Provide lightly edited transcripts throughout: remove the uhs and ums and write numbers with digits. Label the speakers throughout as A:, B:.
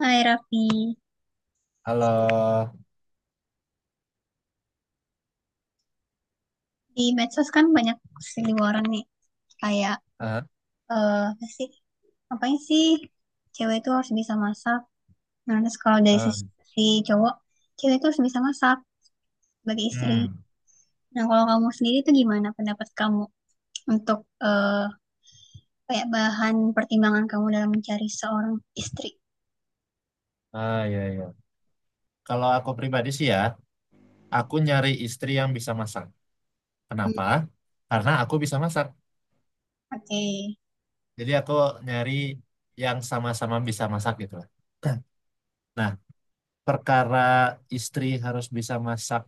A: Hai Raffi,
B: Halo.
A: di medsos kan banyak seliweran nih, kayak
B: Ah,
A: eh apa sih, ngapain sih cewek itu harus bisa masak. Nah terus kalau dari
B: ah,
A: sisi si cowok, cewek itu harus bisa masak sebagai istri.
B: hmm.
A: Nah kalau kamu sendiri tuh gimana pendapat kamu untuk eh kayak bahan pertimbangan kamu dalam mencari seorang istri?
B: Iya, iya. Kalau aku pribadi sih, ya, aku nyari istri yang bisa masak.
A: Hmm.
B: Kenapa? Karena aku bisa masak.
A: Oke.
B: Jadi aku nyari yang sama-sama bisa masak gitu lah. Nah, perkara istri harus bisa masak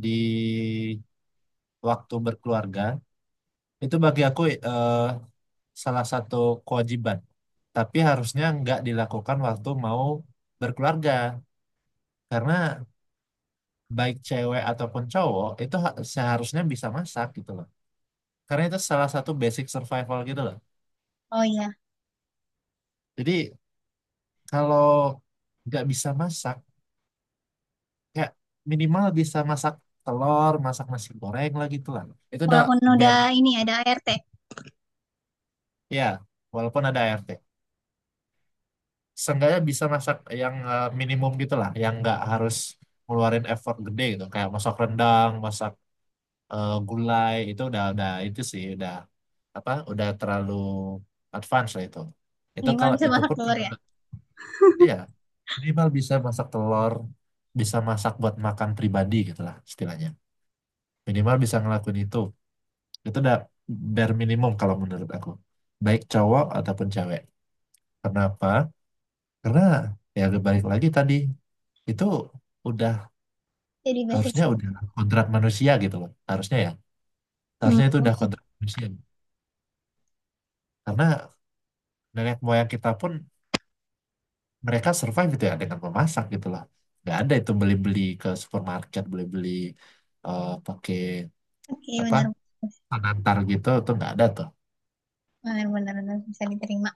B: di waktu berkeluarga, itu bagi aku eh, salah satu kewajiban. Tapi harusnya nggak dilakukan waktu mau berkeluarga. Karena baik cewek ataupun cowok itu seharusnya bisa masak gitu loh. Karena itu salah satu basic survival gitu loh.
A: Oh iya,
B: Jadi kalau nggak bisa masak, kayak minimal bisa masak telur, masak nasi goreng lah gitu lah. Itu udah
A: walaupun udah
B: bare,
A: ini ada ART,
B: ya walaupun ada ART. Seenggaknya bisa masak yang minimum gitu lah, yang nggak harus ngeluarin effort gede gitu. Kayak masak rendang, masak gulai itu udah itu sih udah apa, udah terlalu advance lah itu
A: minimal
B: kalau
A: bisa
B: itu
A: masak
B: pun
A: telur
B: kalau
A: ya.
B: ya minimal bisa masak telur, bisa masak buat makan pribadi gitu lah istilahnya, minimal bisa ngelakuin itu udah bare minimum kalau menurut aku, baik cowok ataupun cewek. Kenapa? Karena ya balik lagi tadi, itu udah,
A: Jadi basic.
B: harusnya udah kodrat manusia gitu loh, harusnya ya,
A: Hmm.
B: harusnya itu udah kodrat manusia, karena nenek moyang kita pun mereka survive itu ya dengan memasak gitu loh. Nggak ada itu beli-beli ke supermarket, beli-beli pakai
A: Oke, bener
B: apa,
A: benar-benar
B: pengantar gitu, itu nggak ada tuh.
A: bisa diterima.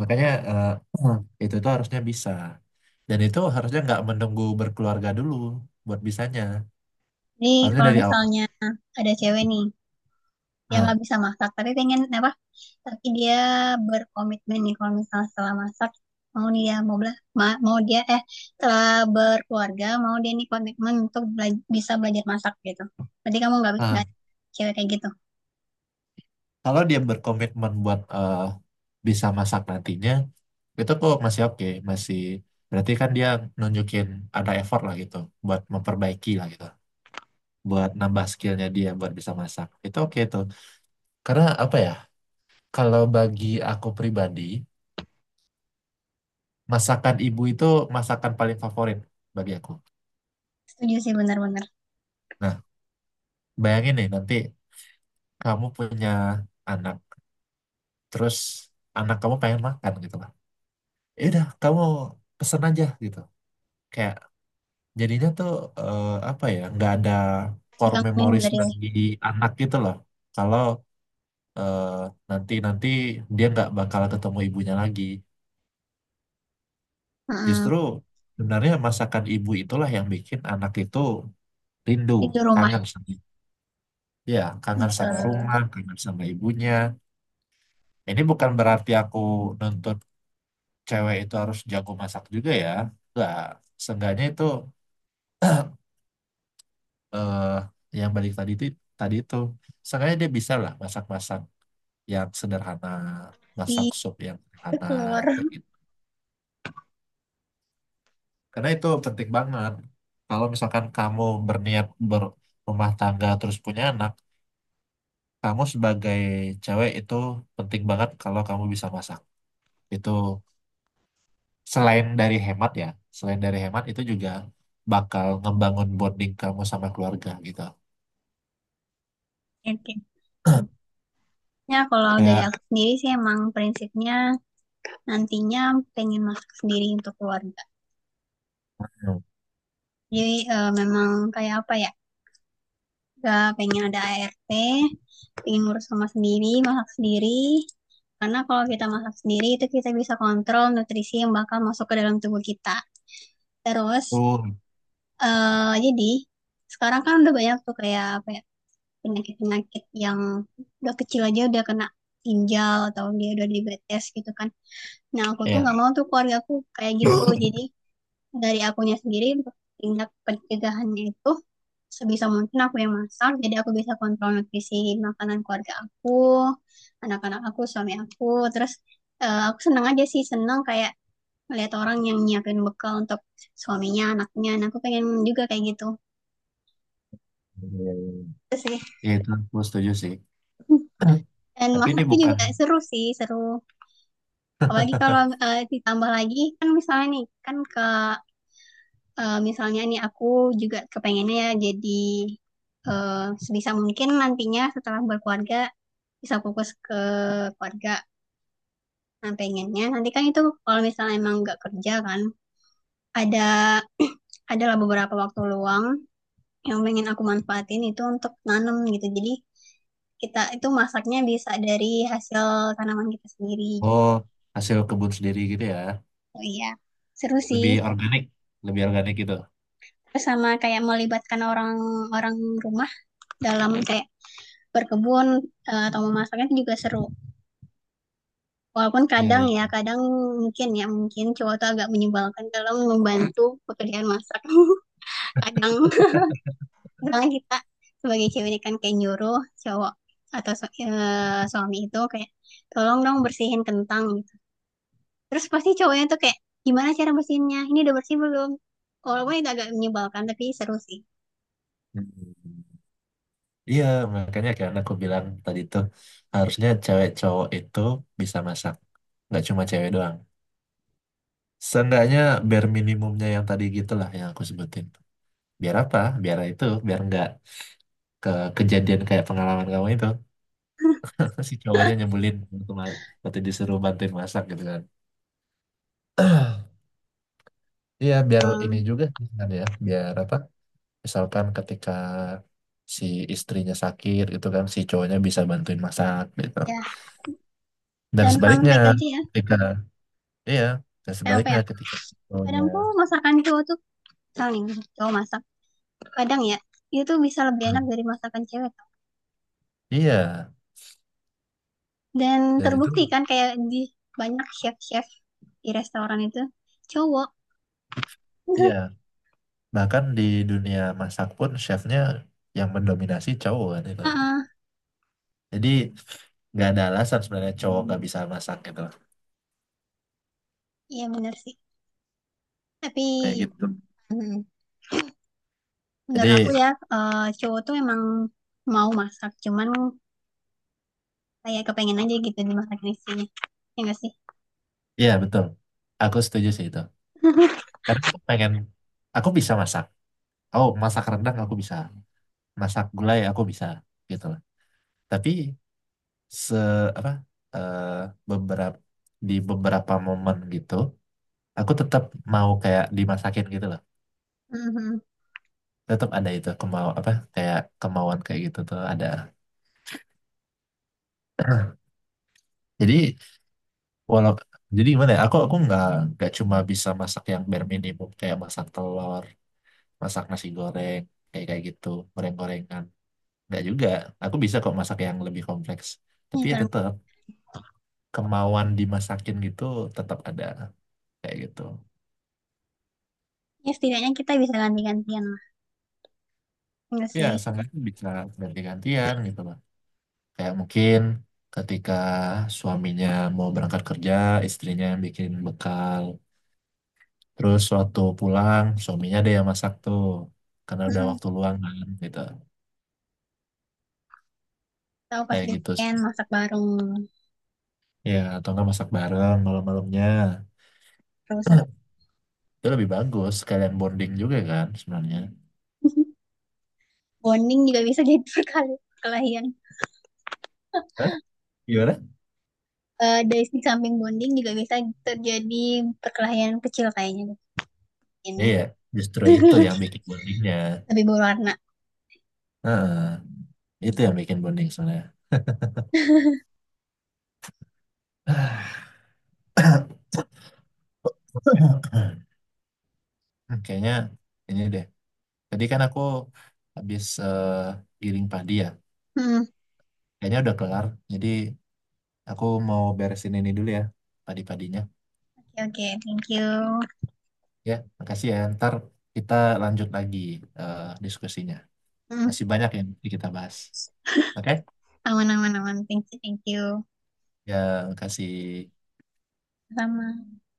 B: Makanya itu tuh harusnya bisa, dan itu harusnya nggak menunggu berkeluarga dulu buat bisanya,
A: Nih,
B: harusnya
A: kalau
B: dari awal.
A: misalnya ada cewek nih yang
B: Nah,
A: nggak bisa masak, tapi pengen apa? Tapi dia berkomitmen nih kalau misalnya setelah masak mau dia mau bela, mau dia setelah berkeluarga mau dia nih komitmen untuk bisa belajar masak gitu. Berarti kamu nggak
B: nah,
A: nggak cewek kayak gitu.
B: Kalau dia berkomitmen buat bisa masak nantinya, itu kok masih oke, masih, berarti kan dia nunjukin ada effort lah gitu, buat memperbaiki lah gitu, buat nambah skillnya dia buat bisa masak. Itu oke tuh. Karena apa ya, kalau bagi aku pribadi, masakan ibu itu masakan paling favorit bagi aku.
A: Setuju sih benar-benar.
B: Nah, bayangin nih nanti kamu punya anak, terus anak kamu pengen makan gitu lah. Ya udah, kamu pesen aja gitu. Kayak jadinya tuh apa ya, nggak ada
A: Jadi
B: core
A: kamu ini
B: memories
A: dari.
B: bagi anak gitu loh. Kalau eh, nanti-nanti dia nggak bakal ketemu ibunya lagi.
A: Heeh,
B: Justru sebenarnya masakan ibu itulah yang bikin anak itu rindu,
A: itu rumah
B: kangen sama, ya, kangen
A: itu
B: sama rumah, kangen sama ibunya. Ini bukan berarti aku nuntut cewek itu harus jago masak juga ya. Enggak, seenggaknya itu eh, yang balik tadi itu, tadi itu seenggaknya dia bisa lah masak-masak yang sederhana, masak
A: si
B: sup yang sederhana
A: keluar.
B: kayak gitu. Karena itu penting banget. Kalau misalkan kamu berniat berumah tangga terus punya anak, kamu sebagai cewek itu penting banget kalau kamu bisa masak. Itu selain dari hemat ya, selain dari hemat itu juga bakal ngebangun bonding kamu sama keluarga gitu.
A: Oke. Ya, kalau dari
B: Kayak
A: aku sendiri sih emang prinsipnya nantinya pengen masak sendiri untuk keluarga. Jadi memang kayak apa ya? Gak pengen ada ART, pengen ngurus sama sendiri, masak sendiri. Karena kalau kita masak sendiri itu kita bisa kontrol nutrisi yang bakal masuk ke dalam tubuh kita. Terus
B: aku,
A: jadi sekarang kan udah banyak tuh kayak apa ya penyakit-penyakit yang udah kecil aja udah kena ginjal atau dia udah diabetes gitu kan. Nah aku tuh
B: ya,
A: nggak mau tuh keluarga aku kayak gitu. Jadi dari akunya sendiri untuk tindak pencegahannya itu sebisa mungkin aku yang masak jadi aku bisa kontrol nutrisi makanan keluarga aku, anak-anak aku, suami aku. Terus aku seneng aja sih, seneng kayak melihat orang yang nyiapin bekal untuk suaminya, anaknya. Nah aku pengen juga kayak gitu. Itu sih.
B: ya itu aku setuju sih.
A: Dan
B: Tapi ini
A: masak itu
B: bukan
A: juga seru sih, seru apalagi kalau ditambah lagi kan misalnya nih kan ke misalnya nih aku juga kepengennya ya. Jadi eh, sebisa mungkin nantinya setelah berkeluarga bisa fokus ke keluarga. Nah, pengennya nanti kan itu kalau misalnya emang nggak kerja kan ada adalah beberapa waktu luang yang pengen aku manfaatin itu untuk nanam gitu. Jadi kita itu masaknya bisa dari hasil tanaman kita sendiri gitu.
B: oh, hasil kebun sendiri gitu ya,
A: Oh iya, seru sih.
B: lebih organik, lebih organik gitu.
A: Terus sama kayak melibatkan orang-orang rumah dalam kayak berkebun, atau memasaknya itu juga seru. Walaupun kadang
B: Iya.
A: ya, kadang mungkin ya, mungkin cowok tuh agak menyebalkan kalau membantu pekerjaan masak. Kadang kadang kita sebagai cewek ini kan kayak nyuruh cowok atau suami itu kayak tolong dong bersihin kentang gitu. Terus pasti cowoknya tuh kayak gimana cara bersihinnya? Ini udah bersih belum? Walaupun itu agak menyebalkan tapi seru sih.
B: Iya. Iya, makanya kan aku bilang tadi tuh harusnya cewek cowok itu bisa masak. Nggak cuma cewek doang. Seenggaknya bare minimumnya yang tadi gitulah yang aku sebutin. Biar apa? Biar itu, biar nggak ke kejadian kayak pengalaman kamu itu. Si cowoknya nyebelin waktu, waktu disuruh bantuin masak gitu kan. Iya, biar ini juga kan ya. Biar apa? Misalkan ketika si istrinya sakit itu kan si cowoknya bisa bantuin masak gitu.
A: Ya,
B: Dan
A: dan fun
B: sebaliknya
A: fact aja ya.
B: ketika, iya, dan
A: Kayak apa
B: sebaliknya
A: ya?
B: ketika cowoknya,
A: Kadang tuh masakan cowok tuh misalnya cowok masak kadang ya itu tuh bisa lebih
B: hmm,
A: enak dari masakan cewek tau.
B: iya,
A: Dan
B: dan itu,
A: terbukti kan kayak di banyak chef-chef di restoran itu cowok.
B: iya, bahkan di dunia masak pun chefnya yang mendominasi cowok kan itu.
A: Heeh,
B: Jadi nggak ada alasan sebenarnya cowok nggak bisa masak gitu,
A: iya bener sih tapi.
B: kayak gitu.
A: Hmm. Menurut aku
B: Jadi
A: ya cowok tuh emang mau masak cuman kayak kepengen aja gitu dimasakin istrinya, ya enggak sih.
B: iya betul, aku setuju sih itu. Karena aku pengen, aku bisa masak. Oh, masak rendang aku bisa, masak gulai aku bisa gitu loh. Tapi se apa eh, beberapa, di beberapa momen gitu, aku tetap mau kayak dimasakin gitu loh,
A: Mhm.
B: tetap ada itu, kemau apa, kayak kemauan kayak gitu tuh ada. Jadi walau, jadi gimana ya, aku nggak cuma bisa masak yang bare minimum kayak masak telur, masak nasi goreng, kayak kayak gitu, goreng-gorengan, nggak juga, aku bisa kok masak yang lebih kompleks, tapi
A: Ya
B: ya
A: karena
B: tetap kemauan dimasakin gitu tetap ada, kayak gitu.
A: ya setidaknya kita bisa ganti-gantian lah, ya enggak
B: Ya
A: sih.
B: sangat bisa ganti-gantian gitu loh. Kayak mungkin ketika suaminya mau berangkat kerja, istrinya yang bikin bekal. Terus waktu pulang, suaminya ada yang masak tuh. Karena udah
A: Heeh.
B: waktu luang kan, gitu.
A: Tahu
B: Kayak
A: pasti
B: gitu
A: weekend
B: sih.
A: masak bareng
B: Ya, atau nggak masak bareng malam-malamnya.
A: terus seru.
B: Itu lebih bagus, sekalian bonding juga kan sebenarnya.
A: Bonding juga bisa jadi perkali perkelahian.
B: Hah? Gimana?
A: Dari sisi samping bonding juga bisa terjadi perkelahian kecil kayaknya mungkin ya.
B: Iya, justru itu yang bikin bondingnya.
A: Lebih berwarna.
B: Heeh, itu yang bikin bonding sebenarnya. Kayaknya ini deh. Tadi kan aku habis giring padi ya.
A: Hmm,
B: Kayaknya udah kelar. Jadi aku mau beresin ini dulu ya, padi-padinya.
A: oke, oke, thank you.
B: Ya, makasih ya. Ntar kita lanjut lagi diskusinya.
A: Hmm,
B: Masih banyak yang mesti kita bahas. Oke?
A: aman, aman, aman. Thank you, thank you.
B: Ya, makasih.
A: Sama.